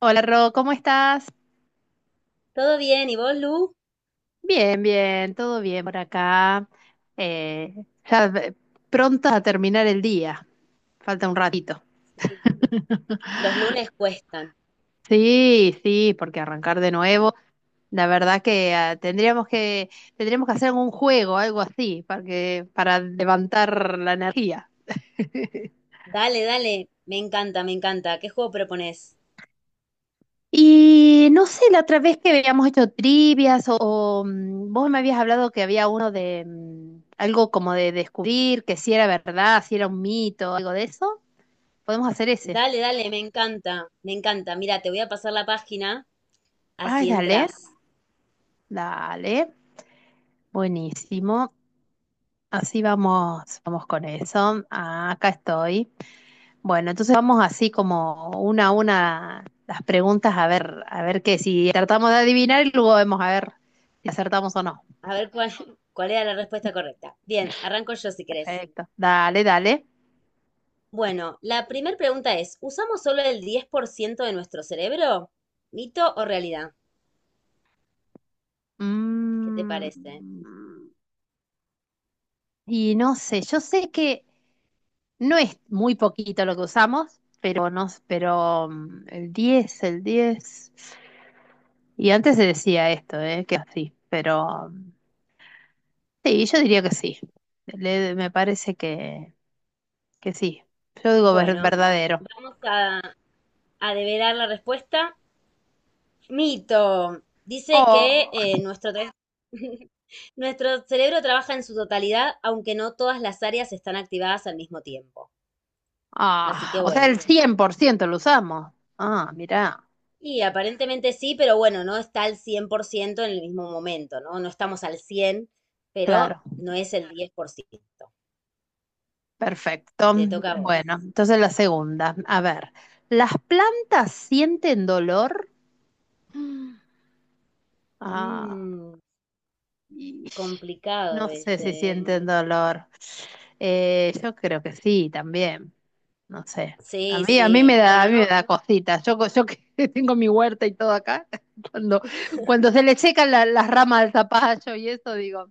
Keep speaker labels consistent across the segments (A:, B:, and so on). A: Hola Ro, ¿cómo estás?
B: Todo bien, ¿y vos, Lu?
A: Bien, bien, todo bien por acá. Eh, ya ve- pronta a terminar el día, falta un ratito.
B: Sí, los lunes cuestan.
A: Sí, sí, porque arrancar de nuevo, la verdad que tendríamos que hacer un juego, algo así, para que, para levantar la energía.
B: Dale, dale, me encanta, me encanta. ¿Qué juego proponés?
A: Y no sé, la otra vez que habíamos hecho trivias o vos me habías hablado que había uno de algo como de descubrir que si era verdad, si era un mito, algo de eso. Podemos hacer ese.
B: Dale, dale, me encanta, me encanta. Mira, te voy a pasar la página,
A: Ay,
B: así
A: dale,
B: entras.
A: dale. Buenísimo. Así vamos, vamos con eso. Ah, acá estoy. Bueno, entonces vamos así como una a una las preguntas a ver qué, si tratamos de adivinar y luego vemos a ver si acertamos o no.
B: A ver cuál, cuál era la respuesta correcta. Bien, arranco yo si querés.
A: Perfecto. Dale, dale.
B: Bueno, la primera pregunta es: ¿usamos solo el 10% de nuestro cerebro? ¿Mito o realidad? ¿Qué te
A: Mm,
B: parece?
A: y no sé, yo sé que no es muy poquito lo que usamos, pero no, pero el diez. Y antes se decía esto, ¿eh? Que así, pero sí, yo diría que sí. Me parece que sí. Yo digo
B: Bueno,
A: verdadero.
B: vamos a develar la respuesta. Mito. Dice que
A: Oh,
B: nuestro, tra- nuestro cerebro trabaja en su totalidad, aunque no todas las áreas están activadas al mismo tiempo. Así
A: ah,
B: que
A: o sea,
B: bueno.
A: el 100% lo usamos. Ah, mirá,
B: Y aparentemente sí, pero bueno, no está al 100% en el mismo momento, ¿no? No estamos al 100, pero
A: claro.
B: no es el diez por ciento.
A: Perfecto.
B: Te toca a vos.
A: Bueno, entonces la segunda. A ver, ¿las plantas sienten dolor? Mm. Ah,
B: Mm,
A: y-
B: complicado
A: no sé
B: ese,
A: si
B: ¿eh?
A: sienten dolor. Yo creo que sí, también. No sé.
B: Sí,
A: A mí me
B: sí.
A: da, a
B: Bueno,
A: mí me
B: no.
A: da cositas. Yo que tengo mi huerta y todo acá, cuando, cuando se le secan las ramas del zapallo y eso, digo,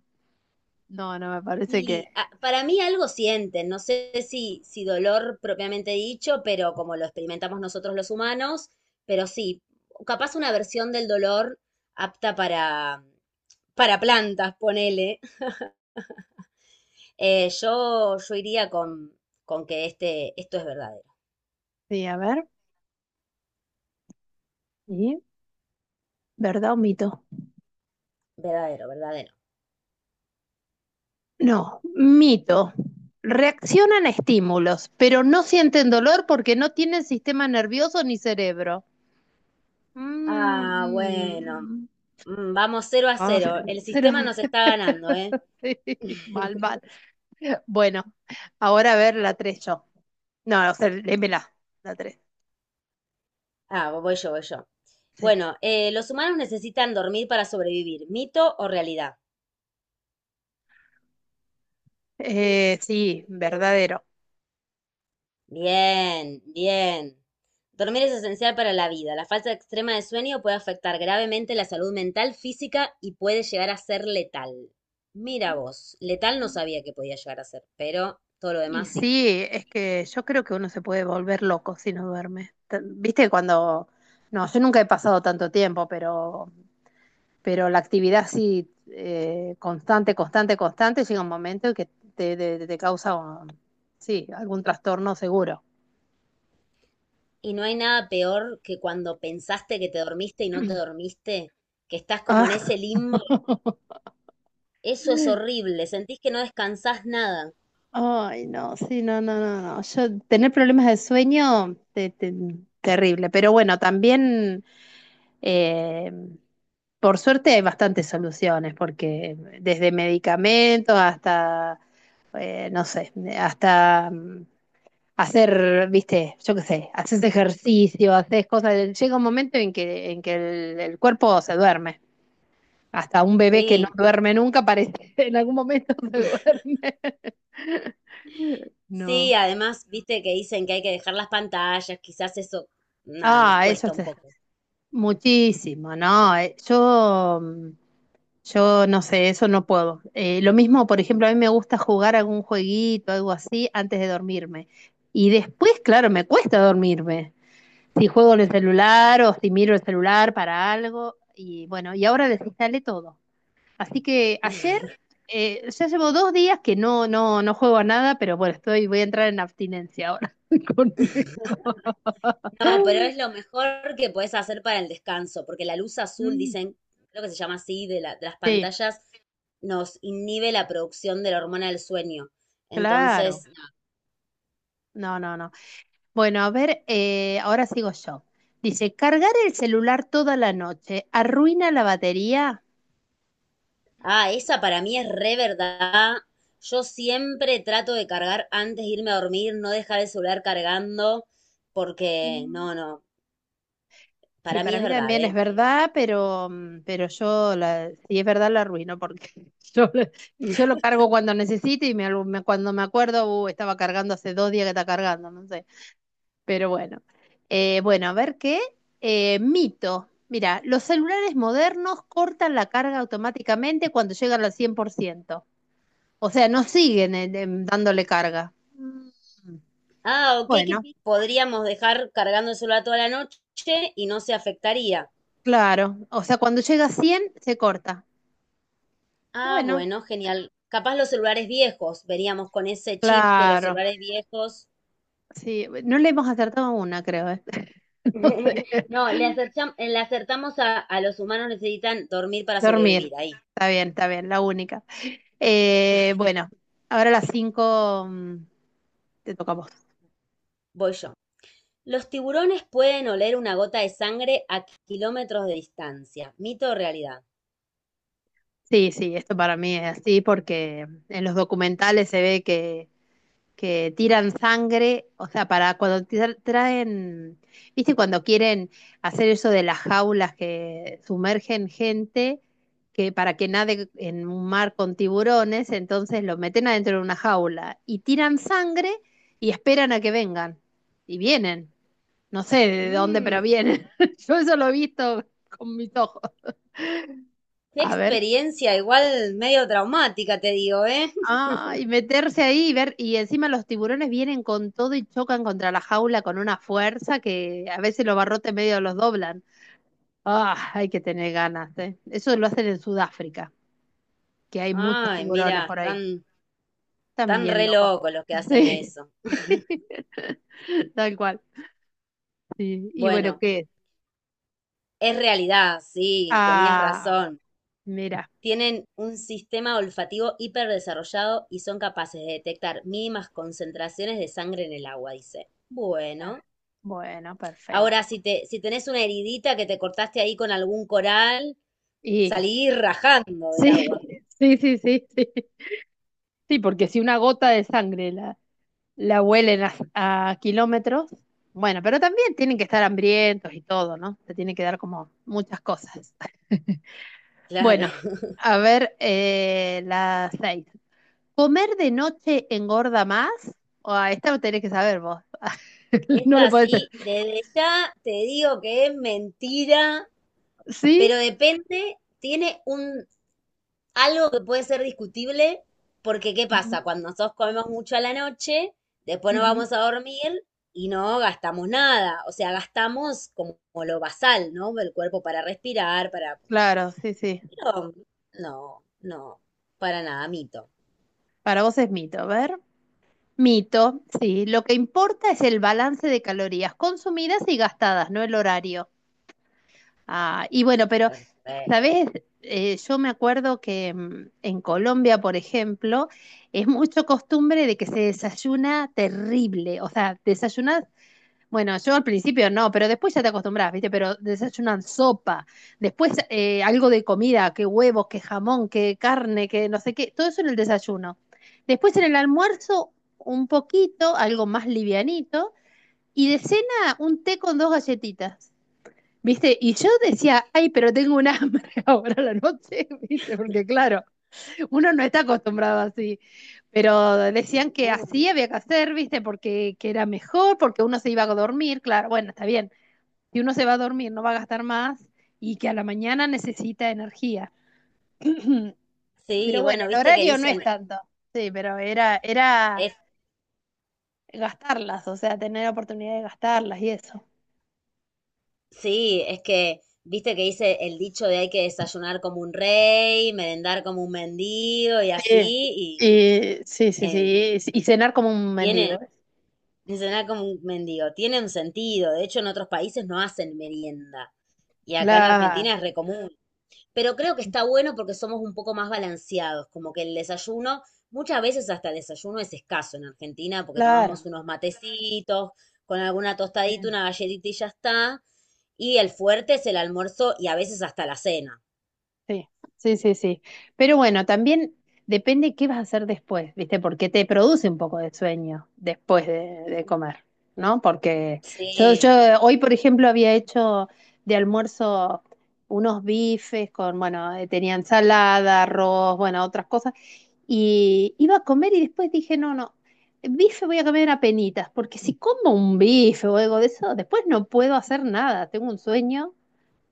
A: no, no me parece que.
B: Y para mí algo sienten, no sé si, si dolor propiamente dicho, pero como lo experimentamos nosotros los humanos, pero sí, capaz una versión del dolor apta para plantas, ponele. Yo iría con que este, esto es verdadero,
A: Sí, a ver. ¿Y? ¿Verdad o mito?
B: verdadero, verdadero.
A: No, mito. Reaccionan a estímulos, pero no sienten dolor porque no tienen sistema nervioso ni cerebro. Mm,
B: Ah, bueno,
A: mm.
B: mm, vamos cero a
A: Ah, se
B: cero, el
A: los-
B: sistema nos está ganando, ¿eh?
A: sí, mal, mal. Bueno, ahora a ver la 3. Yo. No, o sea, léemela, la 3.
B: Ah, voy yo, voy yo.
A: Sí.
B: Bueno, los humanos necesitan dormir para sobrevivir. ¿Mito o realidad?
A: Sí, verdadero.
B: Bien, bien. Dormir es esencial para la vida. La falta extrema de sueño puede afectar gravemente la salud mental, física y puede llegar a ser letal. Mira vos, letal no sabía que podía llegar a ser, pero todo lo
A: Y
B: demás sí.
A: sí, es que yo creo que uno se puede volver loco si no duerme. T- Viste cuando... No, yo nunca he pasado tanto tiempo, pero la actividad sí constante, constante, constante, llega un momento en que te causa, un- sí, algún trastorno seguro.
B: Y no hay nada peor que cuando pensaste que te dormiste y no te dormiste, que estás como en
A: Ah.
B: ese limbo. Eso es horrible, sentís que no descansás nada.
A: Ay, no, sí, no, no, no, no. Yo tener problemas de sueño, terrible. Pero bueno, también eh, por suerte hay bastantes soluciones, porque desde medicamentos hasta, no sé, hasta hacer, viste, yo qué sé, haces ejercicio, haces cosas. Llega un momento en que el cuerpo se duerme. Hasta un bebé que no
B: Sí.
A: duerme nunca parece, en algún momento se duerme.
B: Sí,
A: No.
B: además, viste que dicen que hay que dejar las pantallas, quizás eso, nada, nos
A: Ah, eso
B: cuesta
A: es
B: un poco.
A: muchísimo, ¿no? Yo, yo no sé, eso no puedo. Lo mismo, por ejemplo, a mí me gusta jugar algún jueguito, algo así, antes de dormirme. Y después, claro, me cuesta dormirme. Si juego en el celular o si miro el celular para algo, y bueno, y ahora desinstalé todo. Así que ayer ya llevo dos días que no juego a nada, pero bueno, estoy, voy a entrar en abstinencia ahora con eso.
B: No, pero es lo mejor que podés hacer para el descanso, porque la luz azul,
A: Mm,
B: dicen, creo que se llama así, de la- de las
A: sí,
B: pantallas, nos inhibe la producción de la hormona del sueño. Entonces,
A: claro. No, no, no. Bueno, a ver, ahora sigo yo. Dice, cargar el celular toda la noche arruina la batería.
B: ah, esa para mí es re verdad. Yo siempre trato de cargar antes de irme a dormir, no dejar el celular cargando, porque
A: Mm,
B: no, no,
A: sí,
B: para mí
A: para
B: es
A: mí
B: verdad,
A: también es
B: ¿eh?
A: verdad, pero, pero yo, la, si es verdad, la arruino porque yo, lo- yo lo cargo cuando necesito y me, cuando me acuerdo, estaba cargando hace dos días que está cargando, no sé. Pero bueno. Bueno, a ver qué. Mito. Mira, los celulares modernos cortan la carga automáticamente cuando llegan al cien por ciento. O sea, no siguen dándole carga. Mm,
B: Ah, ok,
A: bueno,
B: que
A: sí,
B: podríamos dejar cargando cargándoselo toda la noche y no se afectaría.
A: claro. O sea, cuando llega a 100, se corta.
B: Ah,
A: Bueno,
B: bueno, genial. Capaz los celulares viejos, veríamos con ese chip de los
A: claro.
B: celulares viejos.
A: Sí, no le hemos acertado una, creo. ¿Eh? No no, sé.
B: No, le acertam- le acertamos a los humanos necesitan dormir para sobrevivir.
A: Dormir.
B: Ahí,
A: Está bien, la única. Bueno, ahora a las 5 te tocamos.
B: voy yo. Los tiburones pueden oler una gota de sangre a kilómetros de distancia. ¿Mito o realidad?
A: Sí, sí, esto para mí es así porque en los documentales se ve que tiran sangre, o sea, para cuando traen, viste, cuando quieren hacer eso de las jaulas que sumergen gente, que para que nade en un mar con tiburones, entonces lo meten adentro de una jaula y tiran sangre y esperan a que vengan. Y vienen, no sé de dónde, pero
B: Mmm,
A: vienen. Yo eso lo he visto con mis ojos.
B: qué
A: A ver.
B: experiencia, igual medio traumática, te digo, ¿eh?
A: Ah, y meterse ahí y ver, y encima los tiburones vienen con todo y chocan contra la jaula con una fuerza que a veces los barrotes medio los doblan. Ah, hay que tener ganas, ¿eh? Eso lo hacen en Sudáfrica, que hay muchos
B: Ay,
A: tiburones
B: mira,
A: por ahí.
B: están
A: Están
B: tan
A: bien
B: re
A: locos.
B: locos los que hacen
A: Sí.
B: eso.
A: Tal cual. Sí. Y bueno,
B: Bueno,
A: ¿qué?
B: es realidad, sí, tenías
A: Ah,
B: razón.
A: mira.
B: Tienen un sistema olfativo hiperdesarrollado y son capaces de detectar mínimas concentraciones de sangre en el agua, dice.
A: Ah,
B: Bueno,
A: bueno,
B: ahora
A: perfecto.
B: si te, si tenés una heridita que te cortaste ahí con algún coral,
A: Y
B: salí rajando del
A: sí,
B: agua.
A: sí, sí, sí, sí. Sí, porque si una gota de sangre la, la huelen a kilómetros. Bueno, pero también tienen que estar hambrientos y todo, ¿no? Se tienen que dar como muchas cosas.
B: Claro.
A: Bueno, a ver, la seis. ¿Comer de noche engorda más? O a esta lo tenés que saber vos. No le
B: Esta
A: podés.
B: sí, desde ya te digo que es mentira,
A: ¿Sí?
B: pero depende, tiene un algo que puede ser discutible, porque ¿qué pasa?
A: Ujú.
B: Cuando nosotros comemos mucho a la noche, después nos
A: Ujú.
B: vamos a dormir y no gastamos nada. O sea, gastamos como, como lo basal, ¿no? El cuerpo para respirar, para...
A: Claro, sí, sí.
B: Pero no, no, para nada, mito.
A: Para vos es mito, a ver. Mito, sí. Lo que importa es el balance de calorías consumidas y gastadas, no el horario. Ah, y bueno, pero
B: Perfecto.
A: ¿sabés? Yo me acuerdo que en Colombia, por ejemplo, es mucho costumbre de que se desayuna terrible. O sea, desayunas, bueno, yo al principio no, pero después ya te acostumbras, ¿viste? Pero desayunan sopa, después algo de comida, que huevos, que jamón, que carne, que no sé qué, todo eso en el desayuno. Después en el almuerzo, un poquito, algo más livianito, y de cena, un té con dos galletitas. ¿Viste? Y yo decía, ay, pero tengo un hambre ahora a la noche, ¿viste? Porque claro, uno no está acostumbrado así. Pero decían que
B: No.
A: así había que hacer, ¿viste? Porque que era mejor, porque uno se iba a dormir, claro, bueno, está bien. Si uno se va a dormir, no va a gastar más y que a la mañana necesita energía.
B: Sí,
A: Pero bueno,
B: bueno,
A: el
B: viste que
A: horario no es
B: dicen,
A: tanto. Sí, pero era, era
B: es,
A: gastarlas, o sea, tener la oportunidad de gastarlas y eso.
B: sí, es que, viste que dice el dicho de hay que desayunar como un rey, merendar como un mendigo y así,
A: Sí,
B: y
A: y, sí, sí, sí.
B: eh,
A: Y cenar como un
B: tiene,
A: mendigo.
B: me suena como un mendigo. Tiene un sentido. De hecho, en otros países no hacen merienda. Y acá en
A: Claro,
B: Argentina es re común. Pero creo que está bueno porque somos un poco más balanceados. Como que el desayuno, muchas veces hasta el desayuno es escaso en Argentina porque tomamos
A: claro.
B: unos matecitos, con alguna tostadita,
A: Sí,
B: una galletita y ya está. Y el fuerte es el almuerzo y a veces hasta la cena.
A: sí, sí, sí, sí. Pero bueno, también depende qué vas a hacer después, ¿viste? Porque te produce un poco de sueño después de comer, ¿no? Porque yo
B: Sí,
A: hoy, por ejemplo, había hecho de almuerzo unos bifes con, bueno, tenía ensalada, arroz, bueno, otras cosas. Y iba a comer y después dije, no, no, bife voy a comer a penitas, porque si como un bife o algo de eso, después no puedo hacer nada, tengo un sueño.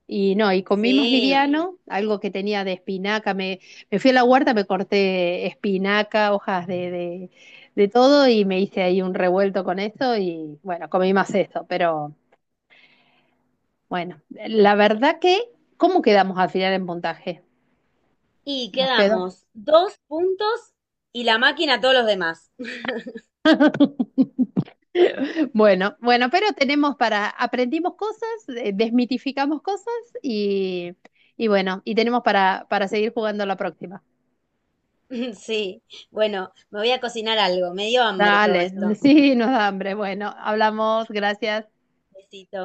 A: Y no, y comí más
B: sí.
A: liviano, algo que tenía de espinaca. Me fui a la huerta, me corté espinaca, hojas de todo y me hice ahí un revuelto con eso y bueno, comí más eso. Pero bueno, la verdad que, ¿cómo quedamos al final en puntaje?
B: Y
A: Nos quedó.
B: quedamos dos puntos y la máquina a todos los demás.
A: Bueno, bueno, pero tenemos para, aprendimos cosas, desmitificamos cosas y, y bueno, y tenemos para seguir jugando la próxima.
B: Sí, bueno, me voy a cocinar algo. Me dio hambre todo
A: Dale,
B: esto.
A: sí, nos da hambre. Bueno, hablamos, gracias.
B: Besito.